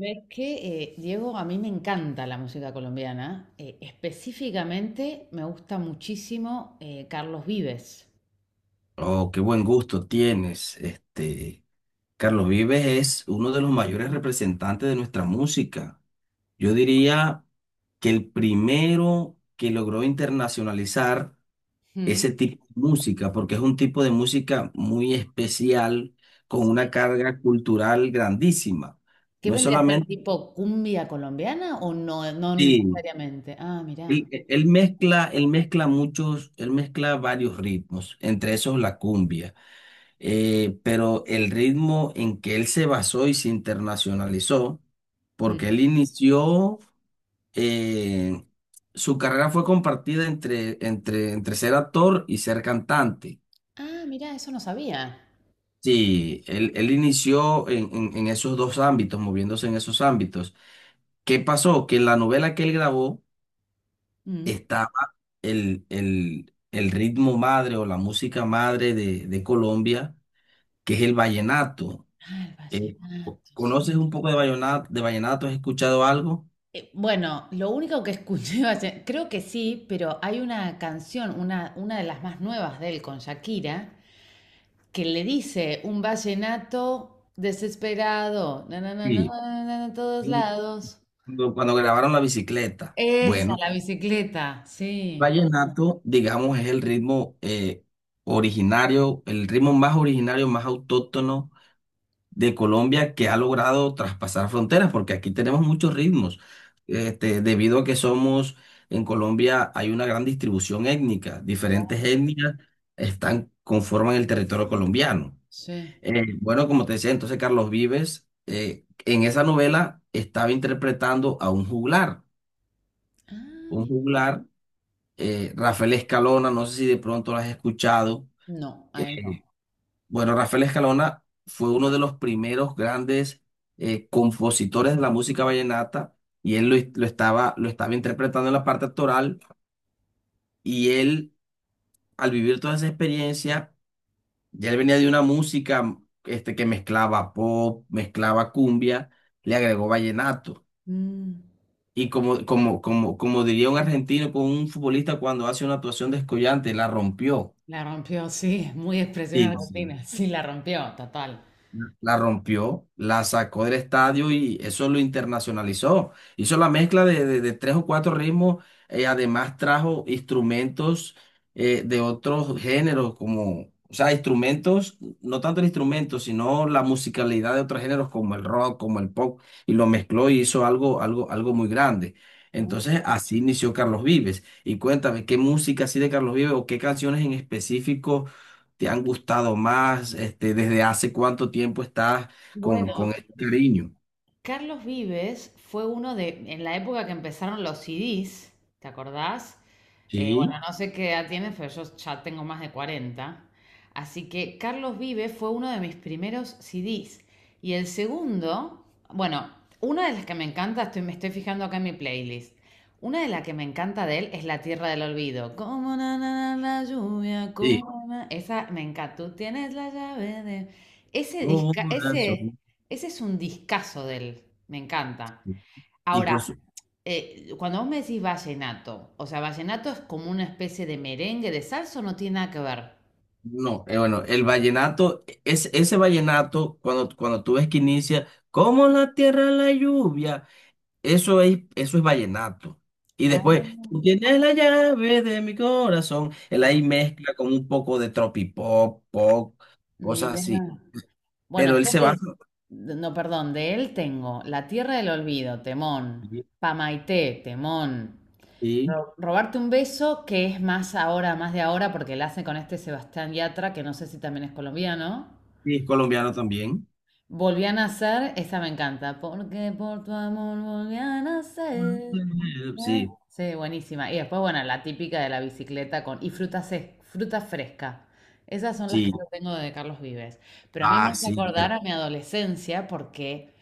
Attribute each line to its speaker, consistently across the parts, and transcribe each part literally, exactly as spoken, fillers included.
Speaker 1: Ves que, eh, Diego, a mí me encanta la música colombiana. Eh, específicamente me gusta muchísimo eh, Carlos Vives.
Speaker 2: Oh, qué buen gusto tienes. Este, Carlos Vives es uno de los mayores representantes de nuestra música. Yo diría que el primero que logró internacionalizar
Speaker 1: Mm.
Speaker 2: ese tipo de música, porque es un tipo de música muy especial, con una
Speaker 1: Sí.
Speaker 2: carga cultural grandísima.
Speaker 1: ¿Qué
Speaker 2: No es
Speaker 1: vendría a ser
Speaker 2: solamente,
Speaker 1: tipo cumbia colombiana o no, eh, no
Speaker 2: sí,
Speaker 1: necesariamente? Ah, mirá.
Speaker 2: él, él mezcla, él mezcla muchos, él mezcla varios ritmos, entre esos la cumbia. Eh, pero el ritmo en que él se basó y se internacionalizó,
Speaker 1: Mm.
Speaker 2: porque él inició, eh, su carrera fue compartida entre, entre, entre ser actor y ser cantante.
Speaker 1: Ah, mirá, eso no sabía.
Speaker 2: Sí, él, él inició en, en, en esos dos ámbitos, moviéndose en esos ámbitos. ¿Qué pasó? Que en la novela que él grabó
Speaker 1: Mm.
Speaker 2: estaba el, el, el ritmo madre o la música madre de, de Colombia, que es el vallenato.
Speaker 1: Ah, el
Speaker 2: Eh,
Speaker 1: vallenato, sí.
Speaker 2: ¿Conoces un poco de vallenato, de vallenato? ¿Has escuchado algo?
Speaker 1: Eh, bueno, lo único que escuché, valle- creo que sí, pero hay una canción, una, una de las más nuevas de él con Shakira, que le dice un vallenato desesperado, na, na, na, na,
Speaker 2: Sí.
Speaker 1: na, na, na, na, todos lados.
Speaker 2: Cuando, cuando grabaron la bicicleta.
Speaker 1: Esa,
Speaker 2: Bueno,
Speaker 1: la bicicleta,
Speaker 2: el
Speaker 1: sí,
Speaker 2: vallenato, digamos, es el ritmo eh, originario, el ritmo más originario, más autóctono de Colombia que ha logrado traspasar fronteras, porque aquí tenemos muchos ritmos. Este, debido a que somos, en Colombia hay una gran distribución étnica, diferentes etnias están, conforman el territorio colombiano.
Speaker 1: sí.
Speaker 2: Eh, bueno, como te decía, entonces Carlos Vives eh, en esa novela estaba interpretando a un juglar,
Speaker 1: Ah,
Speaker 2: un
Speaker 1: mira.
Speaker 2: juglar, eh, Rafael Escalona, no sé si de pronto lo has escuchado.
Speaker 1: No, a él no.
Speaker 2: Eh, bueno, Rafael Escalona fue uno de los primeros grandes eh, compositores de la música vallenata y él lo, lo estaba, lo estaba interpretando en la parte actoral y él, al vivir toda esa experiencia, ya él venía de una música este, que mezclaba pop, mezclaba cumbia, le agregó vallenato.
Speaker 1: Mm,
Speaker 2: Y como, como, como, como diría un argentino con un futbolista cuando hace una actuación descollante, la rompió.
Speaker 1: la rompió, sí, es muy expresión
Speaker 2: Sí, sí.
Speaker 1: argentina, sí, la rompió, total.
Speaker 2: La rompió, la sacó del estadio y eso lo internacionalizó. Hizo la mezcla de, de- de tres o cuatro ritmos, eh, además trajo instrumentos eh, de otros géneros, como, o sea, instrumentos, no tanto el instrumento, sino la musicalidad de otros géneros como el rock, como el pop, y lo mezcló y hizo algo, algo, algo muy grande. Entonces, así inició Carlos Vives. Y cuéntame, ¿qué música así de Carlos Vives o qué canciones en específico te han gustado más? Este, ¿desde hace cuánto tiempo estás con, con
Speaker 1: Bueno,
Speaker 2: este cariño?
Speaker 1: Carlos Vives fue uno de, en la época que empezaron los C D s, ¿te acordás? Eh, bueno,
Speaker 2: Sí,
Speaker 1: no sé qué edad tienes, pero yo ya tengo más de cuarenta. Así que Carlos Vive fue uno de mis primeros C D s. Y el segundo, bueno, una de las que me encanta, estoy, me estoy fijando acá en mi playlist. Una de las que me encanta de él es La Tierra del Olvido. Como na, na, na, la lluvia,
Speaker 2: sí.
Speaker 1: como na- Esa me encanta. Tú tienes la llave de... Ese
Speaker 2: No,
Speaker 1: disca, ese,
Speaker 2: razón.
Speaker 1: ese es un discazo de él. Me encanta.
Speaker 2: Y por
Speaker 1: Ahora,
Speaker 2: su...
Speaker 1: eh, cuando vos me decís vallenato, o sea, vallenato es como una especie de merengue de salsa o no tiene nada que ver.
Speaker 2: No, eh, bueno, el vallenato, es, ese vallenato, cuando, cuando tú ves que inicia, como la tierra la lluvia, eso es, eso es vallenato. Y
Speaker 1: Ah,
Speaker 2: después, tú tienes la llave de mi corazón, él
Speaker 1: pa-
Speaker 2: ahí mezcla con un poco de tropipop, pop, cosas
Speaker 1: mirá.
Speaker 2: así. Pero
Speaker 1: Bueno,
Speaker 2: él
Speaker 1: yo
Speaker 2: se va...
Speaker 1: de, no, perdón, de él tengo La Tierra del Olvido, temón,
Speaker 2: Sí,
Speaker 1: Pamaité, temón,
Speaker 2: sí,
Speaker 1: Ro- Robarte un beso, que es más ahora, más de ahora, porque la hace con este Sebastián Yatra, que no sé si también es colombiano.
Speaker 2: sí, es colombiano también.
Speaker 1: Volví a nacer, esa me encanta. Porque por tu amor volví a nacer.
Speaker 2: Mm,
Speaker 1: Ah,
Speaker 2: sí,
Speaker 1: sí, buenísima. Y después, bueno, la típica de la bicicleta con... Y fruta, se- fruta fresca. Esas son las que yo
Speaker 2: sí.
Speaker 1: tengo de Carlos Vives. Pero a mí me
Speaker 2: Ah,
Speaker 1: hace
Speaker 2: sí,
Speaker 1: acordar
Speaker 2: pero...
Speaker 1: a mi adolescencia porque,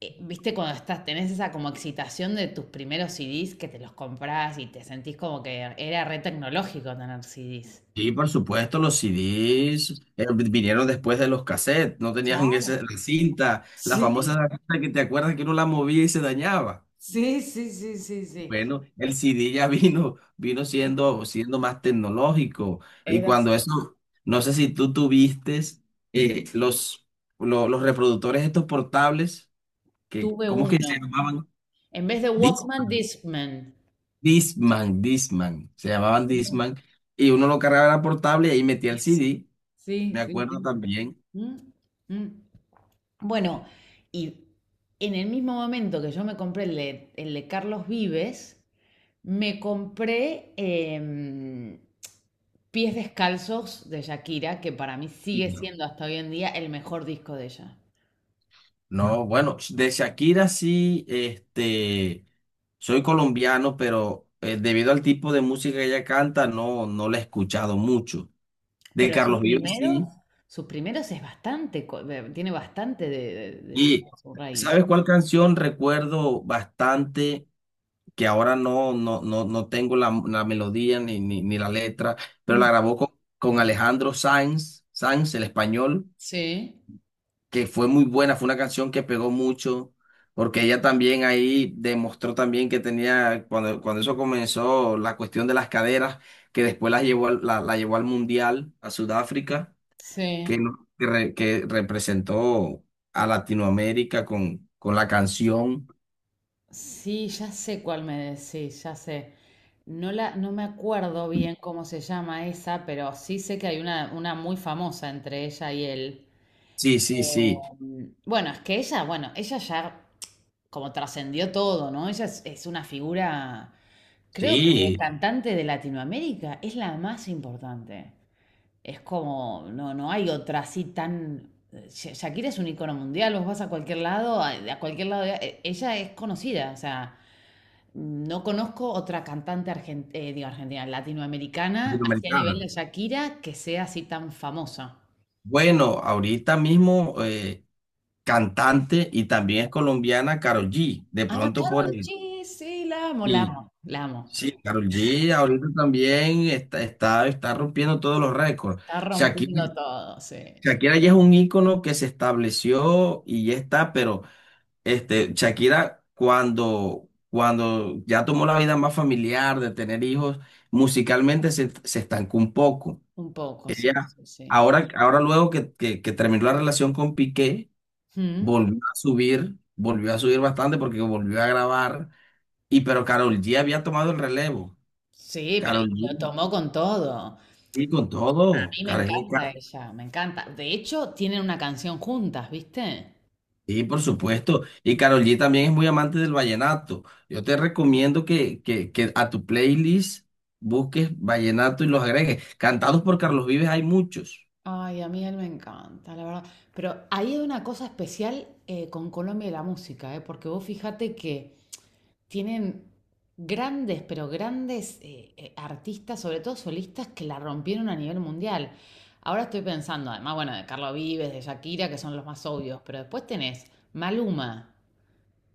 Speaker 1: eh, viste, cuando estás, tenés esa como excitación de tus primeros C D s que te los comprás y te sentís como que era re tecnológico tener C D s.
Speaker 2: Sí, por supuesto, los C Ds eh, vinieron después de los cassettes, no tenían
Speaker 1: Claro.
Speaker 2: ese, la cinta, la famosa
Speaker 1: Sí,
Speaker 2: cinta que te acuerdas que uno la movía y se dañaba.
Speaker 1: sí, sí, sí, sí, sí.
Speaker 2: Bueno, el C D ya vino, vino siendo, siendo más tecnológico. Y
Speaker 1: Era así.
Speaker 2: cuando eso, no sé si tú tuviste eh, los, lo- los reproductores estos portables, que,
Speaker 1: Tuve
Speaker 2: ¿cómo es que se
Speaker 1: uno.
Speaker 2: llamaban?
Speaker 1: En vez de Walkman, Discman.
Speaker 2: Discman, Discman, se llamaban Discman, y uno lo cargaba en la portable y ahí metía el C D,
Speaker 1: Sí,
Speaker 2: me
Speaker 1: sí,
Speaker 2: acuerdo
Speaker 1: sí.
Speaker 2: también.
Speaker 1: ¿Mm? ¿Mm? Bueno, y en el mismo momento que yo me compré el de, el de Carlos Vives, me compré em, Pies Descalzos de Shakira, que para mí
Speaker 2: Y
Speaker 1: sigue
Speaker 2: no,
Speaker 1: siendo hasta hoy en día el mejor disco de ella.
Speaker 2: no, bueno, de Shakira sí, este, soy colombiano, pero eh, debido al tipo de música que ella canta, no, no la he escuchado mucho. De
Speaker 1: Pero sus
Speaker 2: Carlos Vives
Speaker 1: primeros,
Speaker 2: sí,
Speaker 1: sus primeros es bastante, co- de- tiene bastante de, de- de
Speaker 2: y
Speaker 1: su raíz.
Speaker 2: ¿sabes cuál canción recuerdo bastante? Que ahora no, no, no, no tengo la, la melodía ni, ni, ni la letra, pero
Speaker 1: Mm.
Speaker 2: la grabó con, con Alejandro Sanz, Sanz, el español,
Speaker 1: Sí,
Speaker 2: que fue muy buena, fue una canción que pegó mucho, porque ella también ahí demostró también que tenía, cuando, cuando eso comenzó, la cuestión de las caderas, que después las llevó al- la, la llevó al Mundial, a Sudáfrica, que,
Speaker 1: sí.
Speaker 2: no- que, re- que representó a Latinoamérica con, con la canción.
Speaker 1: Sí, ya sé cuál me decís, ya sé. No la, no me acuerdo bien cómo se llama esa, pero sí sé que hay una, una muy famosa entre ella y él.
Speaker 2: Sí, sí,
Speaker 1: Eh,
Speaker 2: sí,
Speaker 1: bueno, es que ella, bueno, ella ya como trascendió todo, ¿no? Ella es, es una figura, creo que de
Speaker 2: sí,
Speaker 1: cantante de Latinoamérica es la más importante. Es como, no, no hay otra así tan... Sha- Shakira es un icono mundial, vos vas a cualquier lado, a, a cualquier lado, eh, ella es conocida, o sea, no conozco otra cantante argen- eh, digo, argentina, latinoamericana, así a
Speaker 2: latinoamericana.
Speaker 1: nivel de Shakira, que sea así tan famosa.
Speaker 2: Bueno, ahorita mismo eh, cantante y también es colombiana Karol G. De
Speaker 1: Ah,
Speaker 2: pronto por
Speaker 1: Carol,
Speaker 2: el...
Speaker 1: G, sí, la amo, la
Speaker 2: Sí,
Speaker 1: amo, la amo.
Speaker 2: sí, Karol G ahorita también está, está, está rompiendo todos los récords.
Speaker 1: Está
Speaker 2: Shakira,
Speaker 1: rompiendo todo, sí.
Speaker 2: Shakira ya es un ícono que se estableció y ya está, pero este, Shakira cuando, cuando ya tomó la vida más familiar de tener hijos, musicalmente se, se estancó un poco.
Speaker 1: Un poco, sí,
Speaker 2: Ella,
Speaker 1: sí, sí.
Speaker 2: ahora, ahora luego que, que que terminó la relación con Piqué,
Speaker 1: Mm,
Speaker 2: volvió a subir, volvió a subir bastante porque volvió a grabar. Y pero Karol G había tomado el relevo.
Speaker 1: sí, pero
Speaker 2: Karol
Speaker 1: y lo
Speaker 2: G,
Speaker 1: tomó con todo.
Speaker 2: sí, con
Speaker 1: A
Speaker 2: todo.
Speaker 1: mí me
Speaker 2: Karol G,
Speaker 1: encanta
Speaker 2: ca-
Speaker 1: ella, me encanta. De hecho, tienen una canción juntas, ¿viste?
Speaker 2: sí, por supuesto. Y Karol G también es muy amante del vallenato. Yo te recomiendo que, que, que a tu playlist busques vallenato y los agregues. Cantados por Carlos Vives hay muchos.
Speaker 1: Ay, a mí él me encanta, la verdad. Pero ahí hay una cosa especial eh, con Colombia y la música, ¿eh? Porque vos fíjate que tienen grandes, pero grandes eh, eh, artistas, sobre todo solistas, que la rompieron a nivel mundial. Ahora estoy pensando, además, bueno, de Carlos Vives, de Shakira, que son los más obvios, pero después tenés Maluma,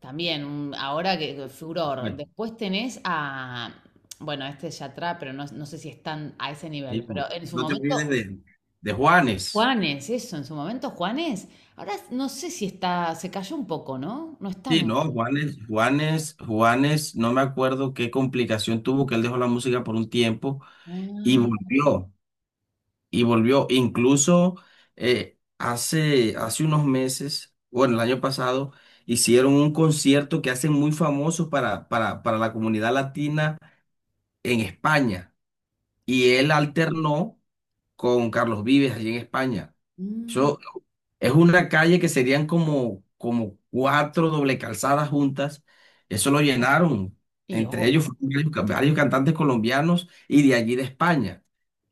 Speaker 1: también, un- ahora que, que furor.
Speaker 2: Bueno,
Speaker 1: Después tenés a, bueno, este es Yatra, pero no, no sé si están a ese nivel,
Speaker 2: sí.
Speaker 1: pero en su
Speaker 2: No te olvides
Speaker 1: momento,
Speaker 2: de, de Juanes.
Speaker 1: Juanes, eso, en su momento Juanes, ahora no sé si está, se cayó un poco, ¿no? No está
Speaker 2: Sí, no,
Speaker 1: muy...
Speaker 2: Juanes, Juanes, Juanes, no me acuerdo qué complicación tuvo que él dejó la música por un tiempo, y
Speaker 1: Ah,
Speaker 2: volvió, y volvió. Incluso eh, hace, hace unos meses, bueno, el año pasado, hicieron un concierto que hacen muy famoso para, para, para la comunidad latina en España. Y él alternó con Carlos Vives allí en España.
Speaker 1: mm,
Speaker 2: Eso es una calle que serían como, como cuatro doble calzadas juntas. Eso lo llenaron.
Speaker 1: y
Speaker 2: Entre ellos
Speaker 1: obvio,
Speaker 2: fueron varios, ca- varios cantantes colombianos y de allí de España.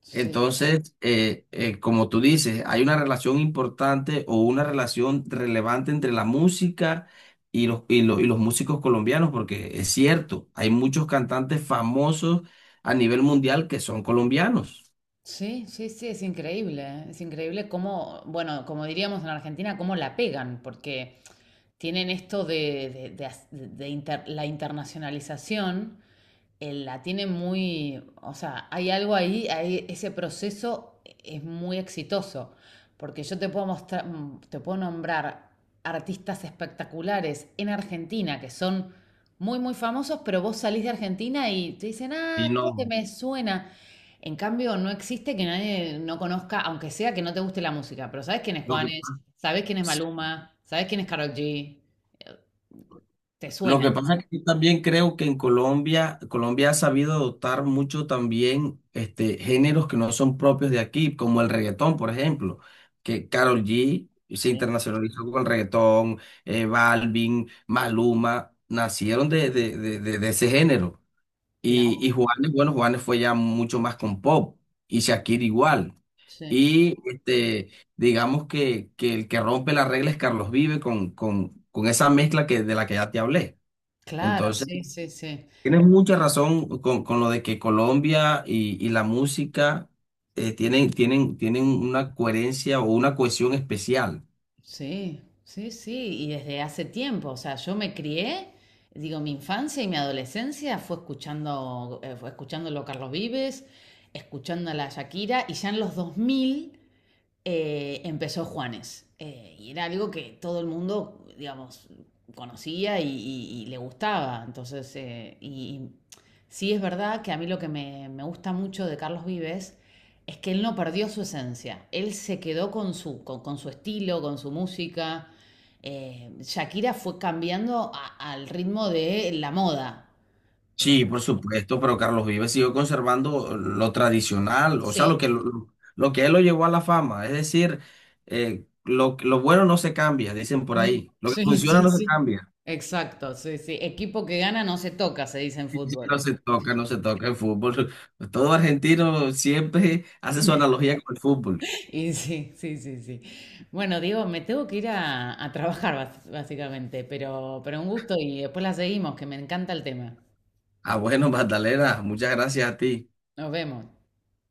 Speaker 1: sí.
Speaker 2: Entonces, eh, eh, como tú dices, hay una relación importante o una relación relevante entre la música y los, y lo- y los músicos colombianos, porque es cierto, hay muchos cantantes famosos a nivel mundial que son colombianos.
Speaker 1: Sí, sí, sí, es increíble, ¿eh? Es increíble cómo, bueno, como diríamos en Argentina, cómo la pegan, porque tienen esto de, de- de as- de inter- la internacionalización, él la tiene muy, o sea, hay algo ahí, ahí- ese proceso es muy exitoso, porque yo te puedo mostrar, mm, te puedo nombrar artistas espectaculares en Argentina que son muy, muy famosos, pero vos salís de Argentina y te dicen,
Speaker 2: Y
Speaker 1: ah, creo que
Speaker 2: no,
Speaker 1: me suena. En cambio, no existe que nadie no conozca, aunque sea que no te guste la música, pero sabes quién es
Speaker 2: lo que...
Speaker 1: Juanes, sabes quién es Maluma, sabes quién es Karol G, te
Speaker 2: Lo
Speaker 1: suena.
Speaker 2: que pasa es que yo también creo que en Colombia, Colombia ha sabido adoptar mucho también este, géneros que no son propios de aquí, como el reggaetón, por ejemplo, que Karol G se
Speaker 1: Sí,
Speaker 2: internacionalizó con el reggaetón, eh, Balvin, Maluma, nacieron de, de, de, de- de ese género. Y,
Speaker 1: claro.
Speaker 2: y Juanes, bueno, Juanes fue ya mucho más con pop, y Shakira igual.
Speaker 1: Sí.
Speaker 2: Y este, digamos que, que el que rompe las reglas es Carlos Vive con, con, con esa mezcla que, de la que ya te hablé.
Speaker 1: Claro,
Speaker 2: Entonces,
Speaker 1: sí, sí, sí.
Speaker 2: tienes mucha razón con, con lo de que Colombia y, y la música eh, tienen, tienen, tienen una coherencia o una cohesión especial.
Speaker 1: Sí, sí, sí, y desde hace tiempo, o sea, yo me crié, digo, mi infancia y mi adolescencia fue escuchando, eh, fue escuchándolo a Carlos Vives, escuchando a la Shakira, y ya en los dos mil eh, empezó Juanes. Eh, y era algo que todo el mundo, digamos, conocía y, y- y le gustaba. Entonces, eh, y, y sí es verdad que a mí lo que me, me gusta mucho de Carlos Vives es que él no perdió su esencia. Él se quedó con su, con, con su estilo, con su música. Eh, Shakira fue cambiando a- al ritmo de la moda. Eh,
Speaker 2: Sí, por supuesto, pero Carlos Vives siguió conservando lo tradicional, o sea, lo
Speaker 1: sí,
Speaker 2: que, lo, lo que él lo llevó a la fama. Es decir, eh, lo, lo bueno no se cambia, dicen por
Speaker 1: mm,
Speaker 2: ahí. Lo que
Speaker 1: sí,
Speaker 2: funciona
Speaker 1: sí,
Speaker 2: no se
Speaker 1: sí.
Speaker 2: cambia.
Speaker 1: Exacto, sí, sí. Equipo que gana no se toca, se dice en
Speaker 2: Sí, sí,
Speaker 1: fútbol.
Speaker 2: no se toca, no se toca el fútbol. Todo argentino siempre hace su analogía con el fútbol.
Speaker 1: Y sí, sí, sí, sí. Bueno, Diego, me tengo que ir a, a trabajar bas- básicamente, pero, pero un gusto y después la seguimos, que me encanta el tema.
Speaker 2: Ah, bueno, Magdalena, muchas gracias a ti.
Speaker 1: Nos vemos.